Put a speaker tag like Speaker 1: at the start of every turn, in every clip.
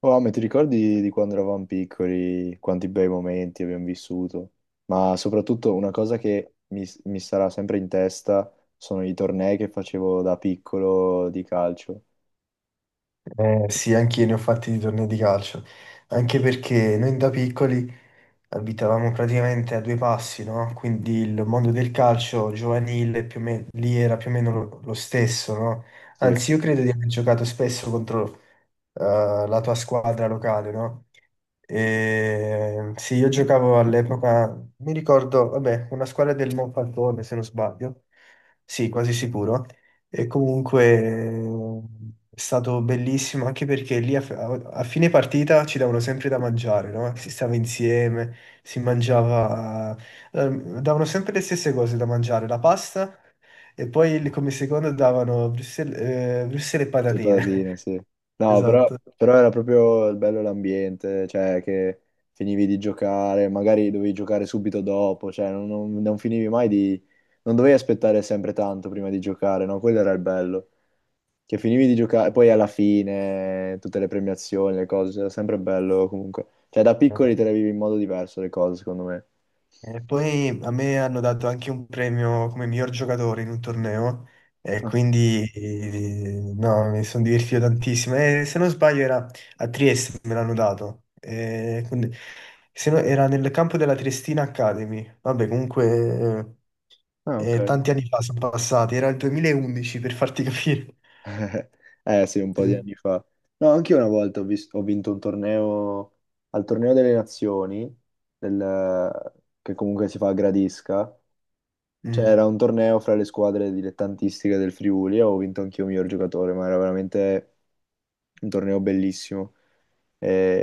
Speaker 1: Oh, ma ti ricordi di quando eravamo piccoli, quanti bei momenti abbiamo vissuto? Ma soprattutto una cosa che mi sarà sempre in testa sono i tornei che facevo da piccolo di calcio.
Speaker 2: Sì, anch'io ne ho fatti di tornei di calcio, anche perché noi da piccoli, abitavamo praticamente a due passi, no? Quindi il mondo del calcio giovanile più o meno, lì era più o meno lo stesso, no?
Speaker 1: Sì.
Speaker 2: Anzi, io credo di aver giocato spesso contro eh, la tua squadra locale, no? E, sì, io giocavo all'epoca, mi ricordo, vabbè, una squadra del Monfalcone, se non sbaglio, sì, quasi sicuro. E comunque è stato bellissimo anche perché lì a fine partita ci davano sempre da mangiare, no? Si stava insieme, si mangiava, eh, davano sempre le stesse cose da mangiare, la pasta e poi come secondo davano Brussels, Brussels e
Speaker 1: Tutte patatine,
Speaker 2: patatine.
Speaker 1: sì. No, però,
Speaker 2: Esatto.
Speaker 1: però era proprio il bello l'ambiente, cioè che finivi di giocare, magari dovevi giocare subito dopo, cioè non finivi mai di... non dovevi aspettare sempre tanto prima di giocare, no? Quello era il bello. Che finivi di giocare, poi alla fine tutte le premiazioni, le cose, era sempre bello comunque. Cioè da piccoli te le vivi in modo diverso le cose, secondo me.
Speaker 2: E poi a me hanno dato anche un premio come miglior giocatore in un torneo e
Speaker 1: Ah,
Speaker 2: quindi no, mi sono divertito tantissimo. E se non sbaglio era a Trieste, me l'hanno dato. E quindi- se no, era nel campo della Triestina Academy. Vabbè, comunque
Speaker 1: ok.
Speaker 2: tanti anni fa sono passati, era il 2011 per farti capire.
Speaker 1: Eh sì, un po' di
Speaker 2: Sì.
Speaker 1: anni fa. No, anche io una volta ho vinto un torneo, al torneo delle nazioni, del- che comunque si fa a Gradisca.
Speaker 2: Mm,
Speaker 1: C'era un torneo fra le squadre dilettantistiche del Friuli e ho vinto anch'io miglior giocatore, ma era veramente un torneo bellissimo.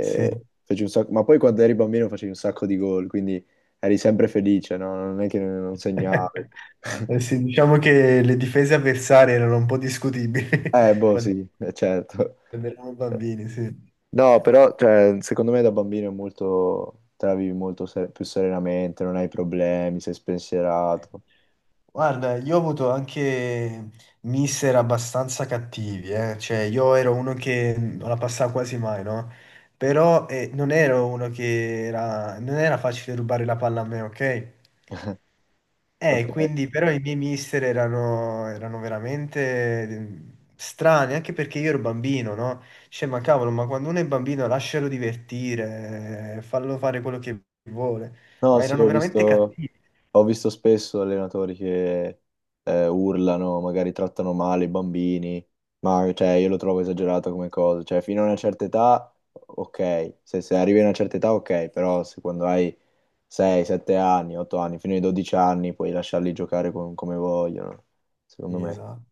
Speaker 2: sì.
Speaker 1: feci un sacco- Ma poi quando eri bambino facevi un sacco di gol, quindi eri sempre felice, no? Non è che non segnavi.
Speaker 2: Eh sì, diciamo che le difese avversarie erano un po' discutibili.
Speaker 1: Sì, certo.
Speaker 2: Quando eravamo bambini, sì.
Speaker 1: No, però cioè, secondo me da bambino è molto, te la vivi molto più serenamente, non hai problemi, sei
Speaker 2: Sì.
Speaker 1: spensierato.
Speaker 2: Guarda, io ho avuto anche mister abbastanza cattivi, eh. Cioè, io ero uno che non la passava quasi mai, no? Però non ero uno che era... non era facile rubare la palla a me, ok? Eh,
Speaker 1: Ok.
Speaker 2: quindi però i miei mister erano veramente mm, strani, anche perché io ero bambino, no? Cioè, ma cavolo, ma quando uno è bambino lascialo divertire, fallo fare quello che vuole.
Speaker 1: No,
Speaker 2: Ma
Speaker 1: sì,
Speaker 2: erano veramente cattivi.
Speaker 1: ho visto spesso allenatori che urlano, magari trattano male i bambini, ma cioè, io lo trovo esagerato come cosa. Cioè, fino a una certa età, ok, se arrivi a una certa età, ok, però se quando hai 6, 7 anni, 8 anni, fino ai 12 anni puoi lasciarli giocare come vogliono,
Speaker 2: Sì,
Speaker 1: secondo me.
Speaker 2: esatto.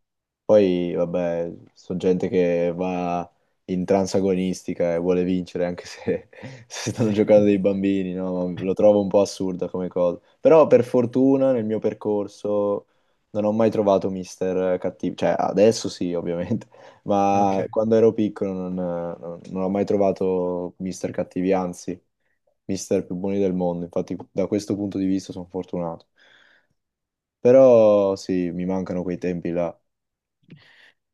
Speaker 1: Poi, vabbè, sono gente che va in transagonistica e vuole vincere, anche se, se stanno giocando dei bambini, no? Lo trovo un po' assurda come cosa. Però, per fortuna, nel mio percorso non ho mai trovato mister cattivo. Cioè, adesso sì, ovviamente, ma
Speaker 2: Ok.
Speaker 1: quando ero piccolo non ho mai trovato mister cattivi, anzi, mister più buoni del mondo. Infatti, da questo punto di vista sono fortunato. Però, sì, mi mancano quei tempi là.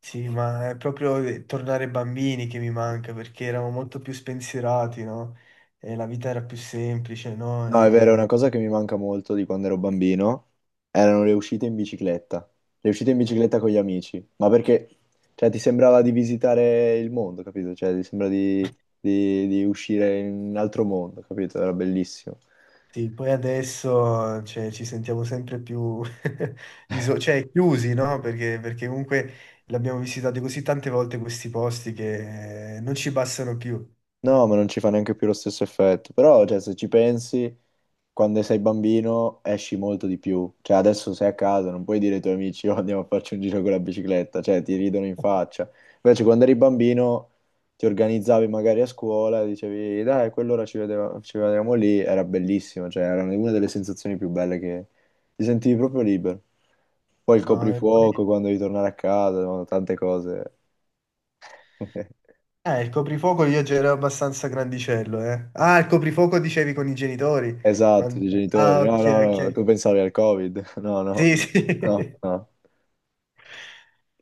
Speaker 2: Sì, ma è proprio tornare bambini che mi manca, perché eravamo molto più spensierati, no? E la vita era più semplice, no?
Speaker 1: No, è vero, è una
Speaker 2: E...
Speaker 1: cosa che mi manca molto di quando ero bambino erano le uscite in bicicletta, le uscite in bicicletta con gli amici, ma perché, cioè, ti sembrava di visitare il mondo, capito? Cioè, ti sembra di, di uscire in un altro mondo, capito? Era bellissimo.
Speaker 2: Sì, poi adesso cioè, ci sentiamo sempre più cioè, chiusi, no? Perché comunque l'abbiamo visitato così tante volte questi posti che non ci bastano più.
Speaker 1: No, ma non ci fa neanche più lo stesso effetto. Però, cioè, se ci pensi, quando sei bambino esci molto di più. Cioè, adesso sei a casa, non puoi dire ai tuoi amici, oh, andiamo a farci un giro con la bicicletta. Cioè, ti ridono in faccia. Invece, quando eri bambino, ti organizzavi magari a scuola, dicevi, dai, a quell'ora ci vedevamo lì. Era bellissimo. Cioè, era una delle sensazioni più belle che ti sentivi proprio libero. Poi il
Speaker 2: No, e poi-
Speaker 1: coprifuoco, quando devi tornare a casa, no, tante cose.
Speaker 2: Ah, il coprifuoco io già ero abbastanza grandicello, eh. Ah, il coprifuoco dicevi con i genitori.
Speaker 1: Esatto,
Speaker 2: Quando-
Speaker 1: dei genitori.
Speaker 2: Ah,
Speaker 1: No, no,
Speaker 2: ok,
Speaker 1: no, tu
Speaker 2: ok.
Speaker 1: pensavi al Covid. No, no,
Speaker 2: Sì, sì.
Speaker 1: no, no.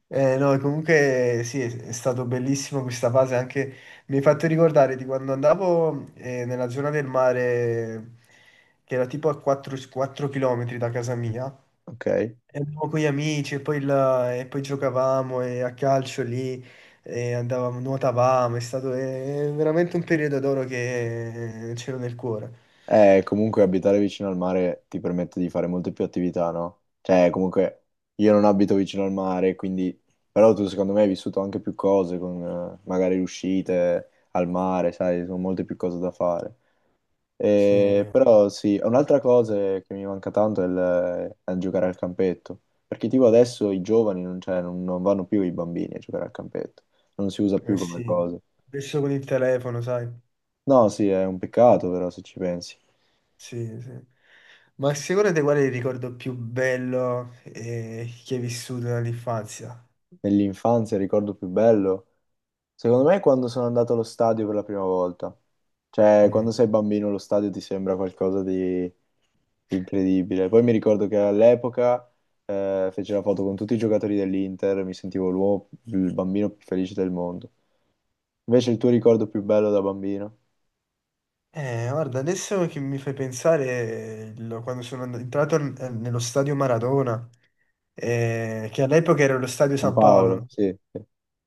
Speaker 2: No, comunque sì, è stato bellissimo questa fase, anche mi hai fatto ricordare di quando andavo nella zona del mare, che era tipo a 4, km da casa mia,
Speaker 1: Ok.
Speaker 2: e andavo con gli amici e poi, e poi giocavamo e a calcio lì, e andavamo, nuotavamo, è stato veramente un periodo d'oro che c'ero nel cuore.
Speaker 1: Comunque abitare vicino al mare ti permette di fare molte più attività, no? Cioè, comunque io non abito vicino al mare, quindi... Però tu secondo me hai vissuto anche più cose con magari uscite al mare, sai, sono molte più cose da fare.
Speaker 2: Sì, eh
Speaker 1: Però sì, un'altra cosa che mi manca tanto è giocare al campetto, perché tipo adesso i giovani non, cioè, non vanno più i bambini a giocare al campetto, non si usa più come
Speaker 2: sì,
Speaker 1: cosa.
Speaker 2: adesso con il telefono, sai.
Speaker 1: No, sì, è un peccato però se ci pensi.
Speaker 2: Sì, sì. Ma sicuramente qual è il ricordo più bello che hai vissuto dall'infanzia?
Speaker 1: Nell'infanzia, il ricordo più bello, secondo me è quando sono andato allo stadio per la prima volta. Cioè,
Speaker 2: Mm.
Speaker 1: quando sei bambino lo stadio ti sembra qualcosa di incredibile. Poi mi ricordo che all'epoca feci la foto con tutti i giocatori dell'Inter, mi sentivo l'uomo, il bambino più felice del mondo. Invece il tuo ricordo più bello da bambino?
Speaker 2: Guarda, adesso che mi fai pensare, quando sono entrato nello stadio Maradona, che all'epoca era lo stadio
Speaker 1: San
Speaker 2: San Paolo,
Speaker 1: Paolo,
Speaker 2: no?
Speaker 1: sì.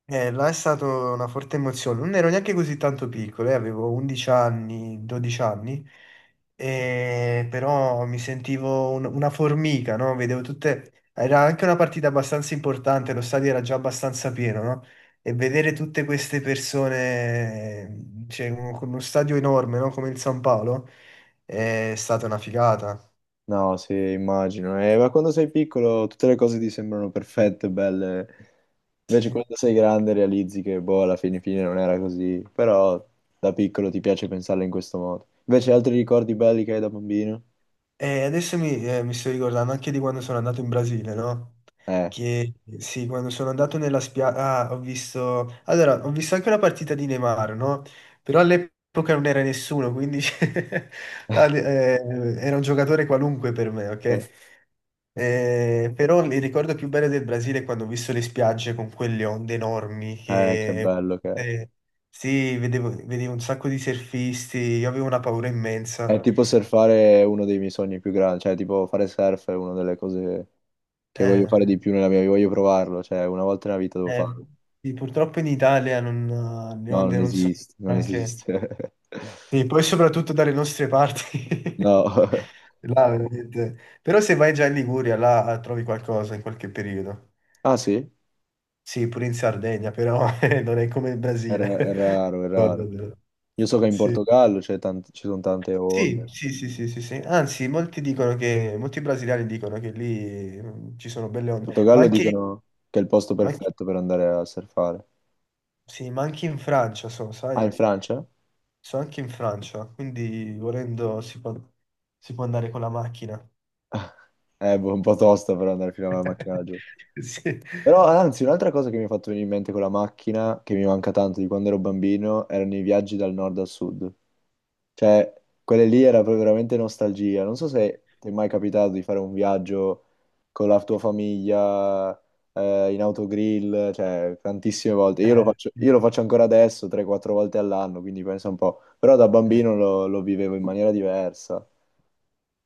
Speaker 2: Là è stata una forte emozione. Non ero neanche così tanto piccolo, avevo 11 anni, 12 anni, e però mi sentivo una formica, no? Vedevo tutte... Era anche una partita abbastanza importante, lo stadio era già abbastanza pieno, no? E vedere tutte queste persone, cioè, con uno stadio enorme, no? Come il San Paolo, è stata una figata.
Speaker 1: No, sì, immagino. Ma quando sei piccolo tutte le cose ti sembrano perfette, belle. Invece
Speaker 2: Sì.
Speaker 1: quando sei grande realizzi che, boh, alla fine, fine non era così. Però da piccolo ti piace pensarle in questo modo. Invece altri ricordi belli che hai da bambino?
Speaker 2: E adesso mi sto ricordando anche di quando sono andato in Brasile, no?
Speaker 1: Eh,
Speaker 2: Che sì, quando sono andato nella spiaggia, ho visto... Allora, ho visto anche una partita di Neymar, no? Però all'epoca non era nessuno, quindi eh, era un giocatore qualunque per me,
Speaker 1: eh,
Speaker 2: ok? Però il ricordo più bello del Brasile è quando ho visto le spiagge con quelle onde enormi
Speaker 1: che
Speaker 2: che...
Speaker 1: bello che è.
Speaker 2: eh, sì, vedevo un sacco di surfisti, io avevo una paura
Speaker 1: È
Speaker 2: immensa.
Speaker 1: tipo surfare è uno dei miei sogni più grandi. Cioè, tipo fare surf è una delle cose che voglio fare
Speaker 2: Eh,
Speaker 1: di più nella mia vita. Voglio provarlo. Cioè, una volta nella vita devo
Speaker 2: Eh,
Speaker 1: farlo.
Speaker 2: sì, purtroppo in Italia non, le
Speaker 1: No, non
Speaker 2: onde non sono
Speaker 1: esiste, non
Speaker 2: neanche...
Speaker 1: esiste.
Speaker 2: Sì, poi soprattutto dalle nostre parti.
Speaker 1: No.
Speaker 2: Là, veramente. Però se vai già in Liguria, là trovi qualcosa in qualche periodo.
Speaker 1: Ah, sì?
Speaker 2: Sì, pure in Sardegna, però non è come il Brasile.
Speaker 1: È raro, è raro.
Speaker 2: Ricordatelo.
Speaker 1: Io so che in
Speaker 2: Sì.
Speaker 1: Portogallo ci sono tante onde.
Speaker 2: Sì,
Speaker 1: In
Speaker 2: sì, sì, sì, sì, sì. Anzi, molti brasiliani dicono che lì mm, ci sono belle onde,
Speaker 1: Portogallo dicono che è il posto
Speaker 2: ma anche-
Speaker 1: perfetto per andare a surfare.
Speaker 2: sì, ma anche in Francia, so,
Speaker 1: Ah, in
Speaker 2: sai?
Speaker 1: Francia?
Speaker 2: Sono anche in Francia, quindi volendo si può andare con la macchina.
Speaker 1: Un po' tosto per andare fino alla macchina laggiù.
Speaker 2: Sì.
Speaker 1: Però, anzi, un'altra cosa che mi ha fatto venire in mente con la macchina, che mi manca tanto di quando ero bambino, erano i viaggi dal nord al sud. Cioè, quelle lì era proprio veramente nostalgia. Non so se ti è mai capitato di fare un viaggio con la tua famiglia, in autogrill, cioè, tantissime volte.
Speaker 2: Eh,
Speaker 1: Io lo faccio ancora adesso, 3-4 volte all'anno, quindi pensa un po'. Però da
Speaker 2: eh,
Speaker 1: bambino lo vivevo in maniera diversa.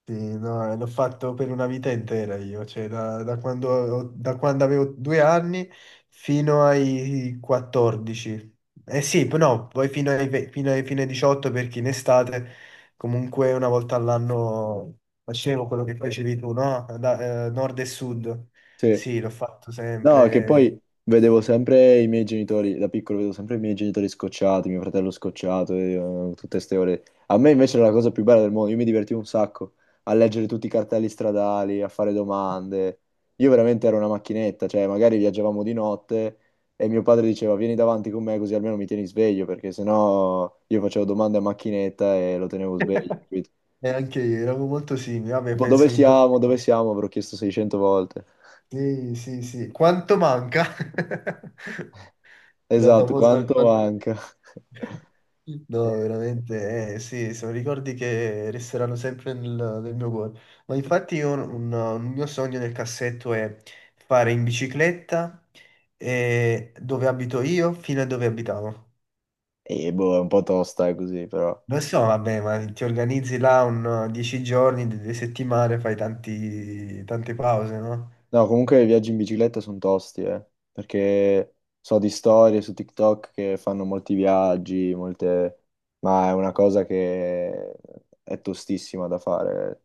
Speaker 2: sì, no, l'ho fatto per una vita intera io, cioè da quando, da quando avevo 2 anni fino ai 14. Eh sì, no, poi fino ai, ve- fino ai 18 perché in estate comunque una volta all'anno facevo quello che facevi tu, no? Nord e sud.
Speaker 1: Sì.
Speaker 2: Sì, l'ho fatto
Speaker 1: No, che
Speaker 2: sempre.
Speaker 1: poi vedevo sempre i miei genitori, da piccolo vedevo sempre i miei genitori scocciati, mio fratello scocciato, tutte ste ore. A me invece era la cosa più bella del mondo, io mi divertivo un sacco a leggere tutti i cartelli stradali, a fare domande. Io veramente ero una macchinetta, cioè magari viaggiavamo di notte e mio padre diceva vieni davanti con me così almeno mi tieni sveglio, perché sennò io facevo domande a macchinetta e lo tenevo sveglio, capito?
Speaker 2: E anche io, eravamo molto simili, vabbè,
Speaker 1: Tipo
Speaker 2: penso che un po'... ci
Speaker 1: dove
Speaker 2: sta.
Speaker 1: siamo, avrò chiesto 600 volte.
Speaker 2: Sì, sì, sì. Quanto manca? La
Speaker 1: Esatto,
Speaker 2: famosa...
Speaker 1: quanto
Speaker 2: quanto-
Speaker 1: manca?
Speaker 2: No, veramente, sì, sono ricordi che resteranno sempre nel mio cuore. Ma infatti io un mio sogno nel cassetto è fare in bicicletta dove abito io fino a dove abitavo.
Speaker 1: E boh, è un po' tosta, così, però.
Speaker 2: Lo so, vabbè, ma ti organizzi là un 10 giorni, 2 settimane, fai tante pause, no?
Speaker 1: No, comunque i viaggi in bicicletta sono tosti, perché so di storie su TikTok che fanno molti viaggi, molte... ma è una cosa che è tostissima da fare.